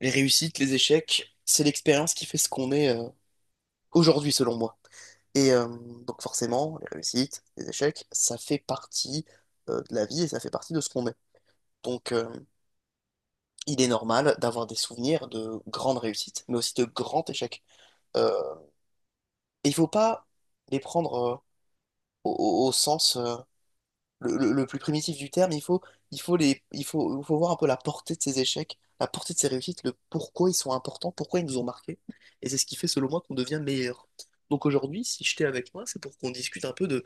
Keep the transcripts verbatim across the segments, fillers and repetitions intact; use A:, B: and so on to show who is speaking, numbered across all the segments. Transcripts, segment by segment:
A: Les réussites, les échecs, c'est l'expérience qui fait ce qu'on est euh, aujourd'hui, selon moi. Et euh, donc forcément, les réussites, les échecs, ça fait partie euh, de la vie et ça fait partie de ce qu'on est. Donc euh, il est normal d'avoir des souvenirs de grandes réussites, mais aussi de grands échecs. Euh, et il faut pas les prendre euh, au, au- au sens euh, le, le- le plus primitif du terme, il faut, il faut les, il faut, il faut voir un peu la portée de ces échecs, la portée de ces réussites, le pourquoi ils sont importants, pourquoi ils nous ont marqués. Et c'est ce qui fait, selon moi, qu'on devient meilleur. Donc aujourd'hui, si je t'ai avec moi, c'est pour qu'on discute un peu de,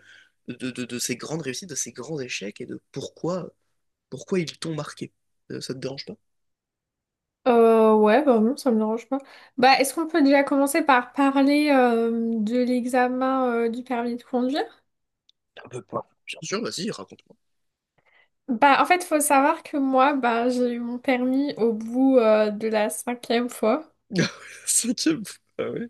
A: de, de, de ces grandes réussites, de ces grands échecs et de pourquoi, pourquoi ils t'ont marqué. Euh, ça te dérange pas?
B: Euh, ouais, bah non, ça me dérange pas. Bah, est-ce qu'on peut déjà commencer par parler euh, de l'examen euh, du permis de conduire?
A: Un peu pas. Bien sûr, vas-y, raconte-moi.
B: Bah, en fait, faut savoir que moi, bah, j'ai eu mon permis au bout euh, de la cinquième fois.
A: Cinquième fois. Ah ouais?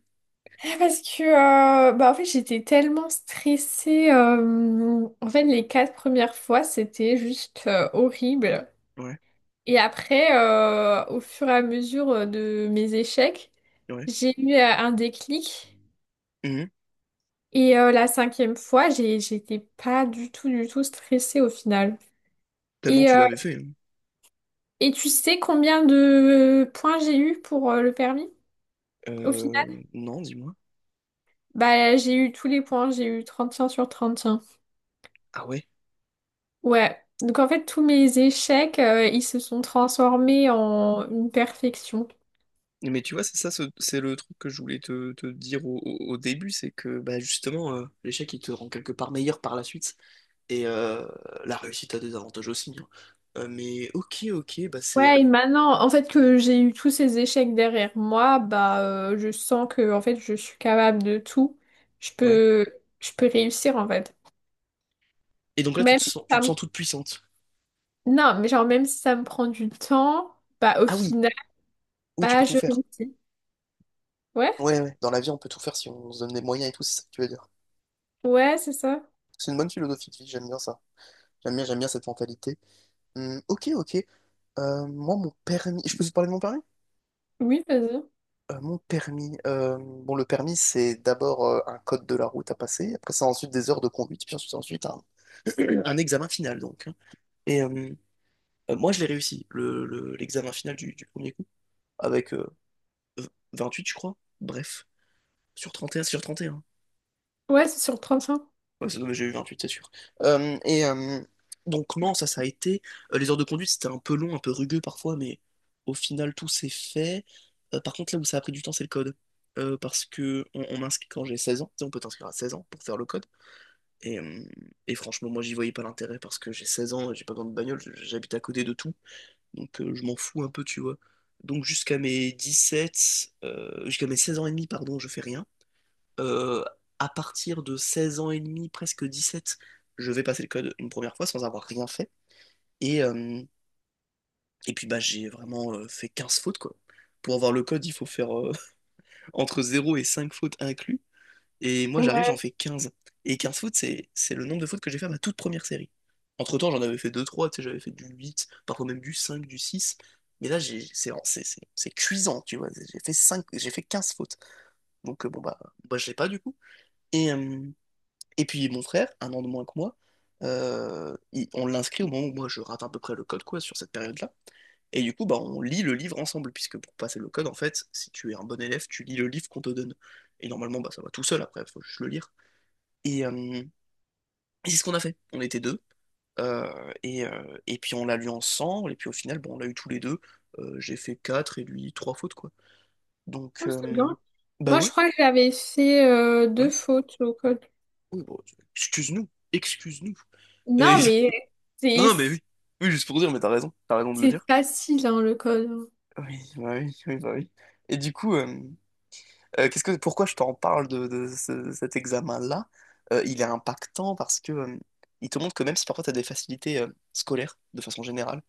B: Ah, parce que, euh, bah, en fait, j'étais tellement stressée. euh, en fait, les quatre premières fois, c'était juste euh, horrible.
A: Ouais,
B: Et après, euh, au fur et à mesure euh, de mes échecs,
A: ouais.
B: j'ai eu euh, un déclic.
A: Mhm.
B: Et euh, la cinquième fois, j'ai, j'étais pas du tout, du tout stressée au final.
A: Tellement
B: Et,
A: tu
B: euh,
A: l'avais fait, hein.
B: et tu sais combien de points j'ai eu pour euh, le permis? Au final,
A: Euh, non, dis-moi.
B: bah, j'ai eu tous les points, j'ai eu trente et un sur trente et un.
A: Ah ouais?
B: Ouais. Donc en fait, tous mes échecs, euh, ils se sont transformés en une perfection.
A: Mais tu vois, c'est ça, ce- c'est le truc que je voulais te, te dire au, au- au début, c'est que bah, justement, euh, l'échec, il te rend quelque part meilleur par la suite. Et euh, la réussite a des avantages aussi, hein. Euh, mais ok, ok, bah c'est.
B: Ouais,
A: euh,
B: et maintenant, en fait, que j'ai eu tous ces échecs derrière moi, bah, euh, je sens que, en fait, je suis capable de tout. Je
A: Ouais.
B: peux, je peux réussir, en fait.
A: Et donc là, tu te
B: Même si
A: sens, tu
B: ça
A: te sens
B: me
A: toute puissante.
B: Non, mais genre, même si ça me prend du temps, bah, au
A: Ah oui,
B: final,
A: oui, tu
B: bah,
A: peux tout
B: je
A: faire.
B: réussis. Ouais,
A: Ouais, ouais. Dans la vie, on peut tout faire si on se donne des moyens et tout, c'est ça que tu veux dire.
B: ouais, c'est ça.
A: C'est une bonne philosophie de vie, j'aime bien ça. J'aime bien, j'aime bien cette mentalité. Hum, ok, ok. Euh, moi, mon permis. Je peux te parler de mon permis?
B: Oui, vas-y.
A: Euh, mon permis. Euh, bon, le permis, c'est d'abord euh, un code de la route à passer. Après, c'est ensuite des heures de conduite. Puis ensuite, c'est ensuite un, un examen final, donc, hein. Et euh, euh, Moi, je l'ai réussi, le, le- l'examen final du, du premier coup, avec euh, v- vingt-huit, je crois. Bref, sur trente et un sur trente et un.
B: Ouais, c'est sur trente-cinq.
A: Ouais, ça doit- j'ai eu vingt-huit, c'est sûr. Euh, et euh, donc, non, ça, ça a été. Euh, les heures de conduite, c'était un peu long, un peu rugueux parfois, mais au final, tout s'est fait. Euh, par contre, là où ça a pris du temps, c'est le code. Euh, parce que on, on m'inscrit quand j'ai seize ans. Tu sais, on peut t'inscrire à seize ans pour faire le code. Et, euh, et franchement, moi, j'y voyais pas l'intérêt parce que j'ai seize ans, j'ai pas besoin de bagnole, je- j'habite à côté de tout. Donc, euh, je m'en fous un peu, tu vois. Donc, jusqu'à mes dix-sept, euh, jusqu'à mes seize ans et demi, pardon, je fais rien euh, à partir de seize ans et demi, presque dix-sept, je vais passer le code une première fois sans avoir rien fait. Et, euh, et puis bah j'ai vraiment euh, fait quinze fautes quoi. Pour avoir le code, il faut faire euh, entre zéro et cinq fautes inclus. Et moi j'arrive, j'en
B: Ouais,
A: fais quinze. Et quinze fautes, c'est, c'est le nombre de fautes que j'ai fait à ma toute première série. Entre-temps, j'en avais fait deux trois, tu sais, j'avais fait du huit, parfois même du cinq, du six. Mais là, j'ai, c'est, c'est, c'est, c'est cuisant, tu vois. J'ai fait cinq, j'ai fait quinze fautes. Donc euh, bon bah, bah je l'ai pas du coup. Et, euh, Et puis mon frère, un an de moins que moi, euh, il- on l'inscrit au moment où moi je rate à peu près le code quoi sur cette période-là. Et du coup, bah, on lit le livre ensemble, puisque pour passer le code, en fait, si tu es un bon élève, tu lis le livre qu'on te donne. Et normalement, bah, ça va tout seul après, faut juste le lire. Et, euh, et c'est ce qu'on a fait. On était deux. Euh, et, euh, et puis on l'a lu ensemble, et puis au final, bon, on l'a eu tous les deux. Euh, j'ai fait quatre et lui trois fautes, quoi. Donc,
B: ouais, c'est
A: euh,
B: bien.
A: bah
B: Moi, je
A: ouais,
B: crois que j'avais fait euh, deux
A: ouais.
B: fautes au code.
A: Oui, bon, excuse-nous, excuse-nous. Euh,
B: Non, mais
A: Non,
B: c'est
A: non, mais oui. Oui, juste pour dire, mais t'as raison. T'as raison de le
B: c'est
A: dire.
B: facile, hein, le code.
A: Oui, bah oui, oui, bah oui. Et du coup, euh, euh, qu'est-ce que, pourquoi je t'en parle de, de ce- cet examen-là? Euh, il est impactant parce que euh, il te montre que même si parfois t'as des facilités euh, scolaires, de façon générale,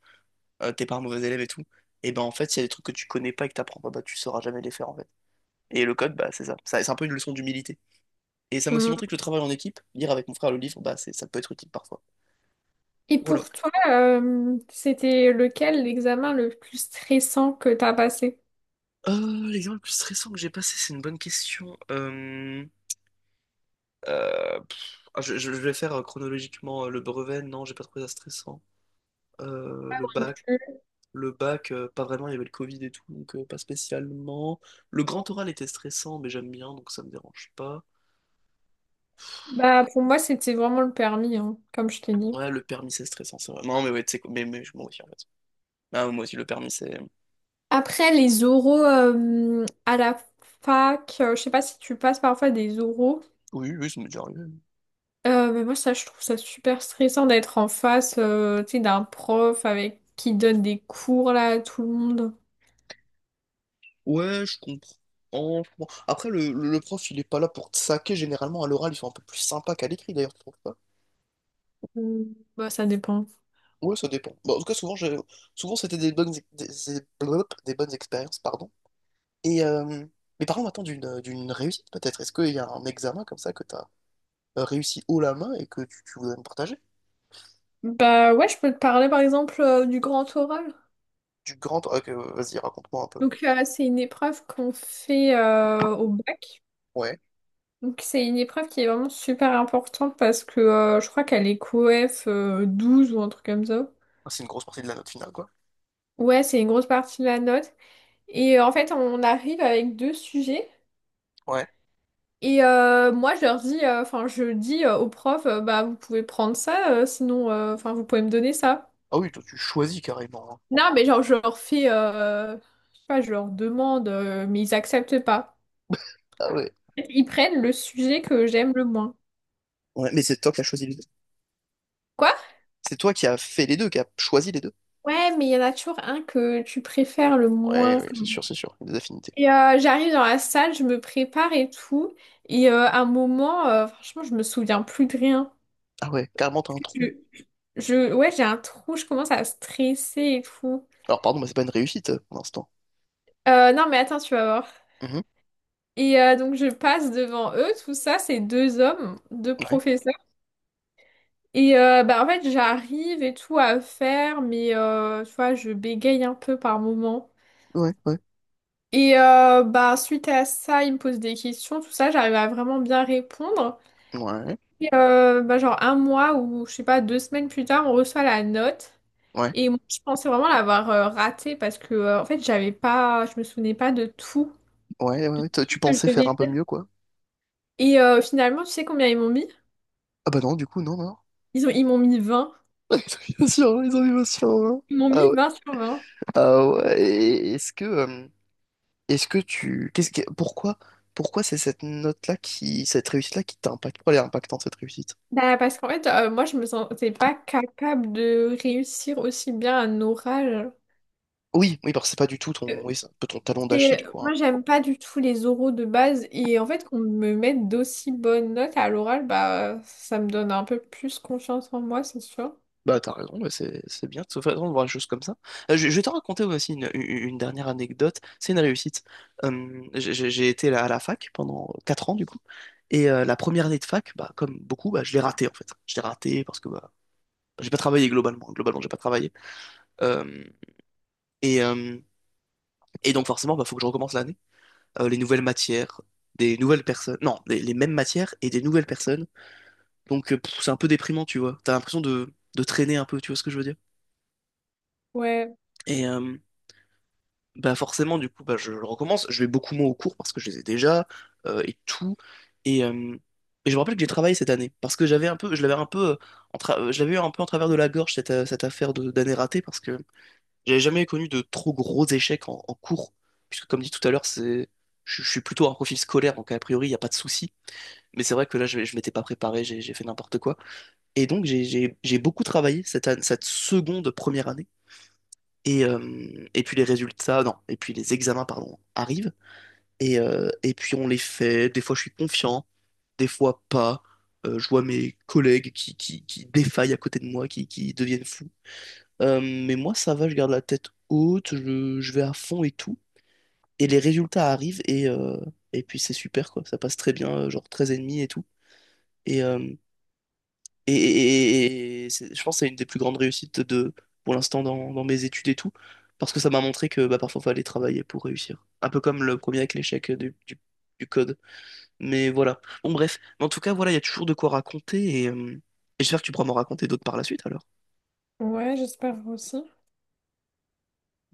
A: euh, t'es pas un mauvais élève et tout, et ben en fait, s'il y a des trucs que tu connais pas et que t'apprends pas, bah tu sauras jamais les faire en fait. Et le code, bah c'est ça. Ça- C'est un peu une leçon d'humilité. Et ça m'a aussi
B: Mm.
A: montré que le travail en équipe, lire avec mon frère le livre, bah c'est, ça peut être utile parfois.
B: Et
A: Voilà.
B: pour toi, euh, c'était lequel l'examen le plus stressant que t'as passé?
A: Euh, l'examen le plus stressant que j'ai passé, c'est une bonne question. Euh, Euh, pff, ah, je, je- vais faire euh, chronologiquement euh, le brevet. Non, j'ai pas trouvé ça stressant. Euh, le
B: Non
A: bac,
B: plus.
A: le bac, euh, pas vraiment. Il y avait le Covid et tout, donc euh, pas spécialement. Le grand oral était stressant, mais j'aime bien, donc ça me dérange pas.
B: Bah, pour moi, c'était vraiment le permis, hein, comme je t'ai dit.
A: Ouais, le permis c'est stressant, c'est vrai. Non, mais ouais, tu sais quoi, mais, mais je- m'en aussi en fait. Ah, moi aussi le permis c'est.
B: Après, les oraux euh, à la fac, euh, je sais pas si tu passes parfois des oraux.
A: Oui, oui, ça m'est déjà arrivé.
B: Euh, mais moi, ça, je trouve ça super stressant d'être en face, euh, tu sais, d'un prof avec qui donne des cours là à tout le monde.
A: Ouais, je comprends. Je comprends. Après, le, le- le prof, il est pas là pour te saquer. Généralement, à l'oral, ils sont un peu plus sympas qu'à l'écrit, d'ailleurs, tu trouves pas?
B: Ou- Bah, ça dépend.
A: Ouais, ça dépend. Bah, en tout cas, souvent, je... souvent c'était des bonnes, des... des blop, des bonnes expériences, pardon. Et, euh... Mais parlons maintenant d'une d'une réussite, peut-être. Est-ce qu'il y a un examen comme ça que tu as réussi haut la main et que tu, tu voudrais me partager?
B: Bah ouais, je peux te parler par exemple euh, du grand oral.
A: Du grand. Ok, vas-y, raconte-moi un peu.
B: Donc euh, c'est une épreuve qu'on fait euh, au bac.
A: Ouais.
B: Donc c'est une épreuve qui est vraiment super importante parce que euh, je crois qu'elle est COEF euh, douze ou un truc comme ça.
A: Ah, c'est une grosse partie de la note finale, quoi.
B: Ouais, c'est une grosse partie de la note. Et euh, en fait, on arrive avec deux sujets.
A: Ouais.
B: Et euh, moi, je leur dis, euh, enfin, je dis euh, au prof, euh, bah, vous pouvez prendre ça, euh, sinon, euh, enfin, vous pouvez me donner ça.
A: Ah oui, toi, tu choisis carrément, hein.
B: Non, mais genre, je leur fais, euh, je sais pas, je leur demande, euh, mais ils acceptent pas.
A: Ah ouais.
B: Ils prennent le sujet que j'aime le moins.
A: Ouais, mais c'est toi qui as choisi les deux.
B: Quoi?
A: C'est toi qui as fait les deux, qui as choisi les deux.
B: Ouais, mais il y en a toujours un que tu préfères le
A: Ouais,
B: moins.
A: ouais, c'est sûr, c'est sûr. Des affinités.
B: Et euh, j'arrive dans la salle, je me prépare et tout. Et euh, à un moment, euh, franchement, je me souviens plus de rien.
A: Ah ouais, carrément, t'as un trou.
B: Je, je- ouais, j'ai un trou, je commence à stresser et tout.
A: Alors, pardon, mais c'est pas une réussite euh, pour l'instant.
B: Euh, non, mais attends, tu vas voir.
A: Mhm.
B: Et euh, donc, je passe devant eux, tout ça, c'est deux hommes, deux
A: Ouais.
B: professeurs. Et euh, bah, en fait, j'arrive et tout à faire, mais euh, tu vois, je bégaye un peu par moment.
A: Ouais, ouais.
B: Et euh, bah, suite à ça, ils me posent des questions, tout ça, j'arrive à vraiment bien répondre.
A: Ouais.
B: Et euh, bah, genre un mois ou, je sais pas, deux semaines plus tard, on reçoit la note.
A: Ouais,
B: Et moi, je pensais vraiment l'avoir euh, raté parce que euh, en fait j'avais pas je me souvenais pas de tout
A: ouais, ouais, ouais. Toi,
B: ce
A: tu
B: que je
A: pensais faire un
B: devais
A: peu
B: dire.
A: mieux, quoi.
B: Et euh, finalement, tu sais combien ils m'ont mis?
A: Ah bah non, du coup, non, non.
B: Ils ont ils m'ont mis vingt.
A: Bien sûr, les animations, hein.
B: Ils m'ont
A: Ah
B: mis
A: ouais.
B: vingt sur vingt.
A: Ah ouais. et Est-ce que, euh, est-ce que tu, qu'est-ce que, pourquoi, pourquoi c'est cette note-là qui, cette réussite-là qui t'impacte? Pourquoi elle est impactante, cette réussite?
B: Bah, parce qu'en fait euh, moi je me sentais pas capable de réussir aussi bien un oral.
A: Oui, oui, parce que c'est pas du tout ton,
B: Euh,
A: oui, c'est un peu ton talon d'Achille,
B: c'est- Moi
A: quoi.
B: j'aime pas du tout les oraux de base et en fait qu'on me mette d'aussi bonnes notes à l'oral bah ça me donne un peu plus confiance en moi, c'est sûr.
A: Bah, t'as raison, ouais, c'est c'est bien de toute façon de voir les choses comme ça. Euh, je, je vais te raconter aussi une, une- une dernière anecdote, c'est une réussite. Euh, j'ai j'ai- j'ai été à la fac pendant quatre ans du coup, et euh, la première année de fac, bah, comme beaucoup, bah, je l'ai ratée en fait. Je l'ai ratée parce que bah, j'ai pas travaillé globalement, globalement j'ai pas travaillé. Euh, et, euh, et donc forcément, bah, faut que je recommence l'année. Euh, les nouvelles matières, des nouvelles personnes, non, les, les mêmes matières et des nouvelles personnes. Donc euh, pff, c'est un peu déprimant, tu vois. T'as l'impression de, de traîner un peu, tu vois ce que je veux dire?
B: Ouais,
A: Et, euh, Bah forcément, du coup, bah, je, je recommence. Je vais beaucoup moins aux cours parce que je les ai déjà euh, et tout. Et, euh, et je me rappelle que j'ai travaillé cette année parce que j'avais un peu, je l'avais un peu, euh, en tra- euh, je l'avais eu un peu en travers de la gorge cette, euh, cette affaire de- d'année ratée parce que j'avais jamais connu de trop gros échecs en, en cours puisque comme dit tout à l'heure, c'est, je, je suis plutôt un profil scolaire donc a priori il n'y a pas de souci. Mais c'est vrai que là, je, je m'étais pas préparé, j'ai j'ai fait n'importe quoi. Et donc j'ai j'ai- j'ai beaucoup travaillé cette, an- cette seconde première année. Et, euh, et puis les résultats, non, et puis les examens, pardon, arrivent. Et, euh, et puis on les fait. Des fois, je suis confiant, des fois pas. Euh, je vois mes collègues qui, qui, qui défaillent à côté de moi, qui, qui deviennent fous. Euh, mais moi, ça va, je garde la tête haute, je, je vais à fond et tout. Et les résultats arrivent et, euh, et puis c'est super, quoi. Ça passe très bien, euh, genre treize et demi et tout. Et, euh, Et, et- et- et c'est- je pense que c'est une des plus grandes réussites de, pour l'instant dans, dans mes études et tout, parce que ça m'a montré que bah, parfois il fallait travailler pour réussir. Un peu comme le premier avec l'échec du, du- du code. Mais voilà. Bon, bref. Mais en tout cas, voilà, il y a toujours de quoi raconter et, euh, et j'espère que tu pourras m'en raconter d'autres par la suite alors.
B: ouais, j'espère aussi.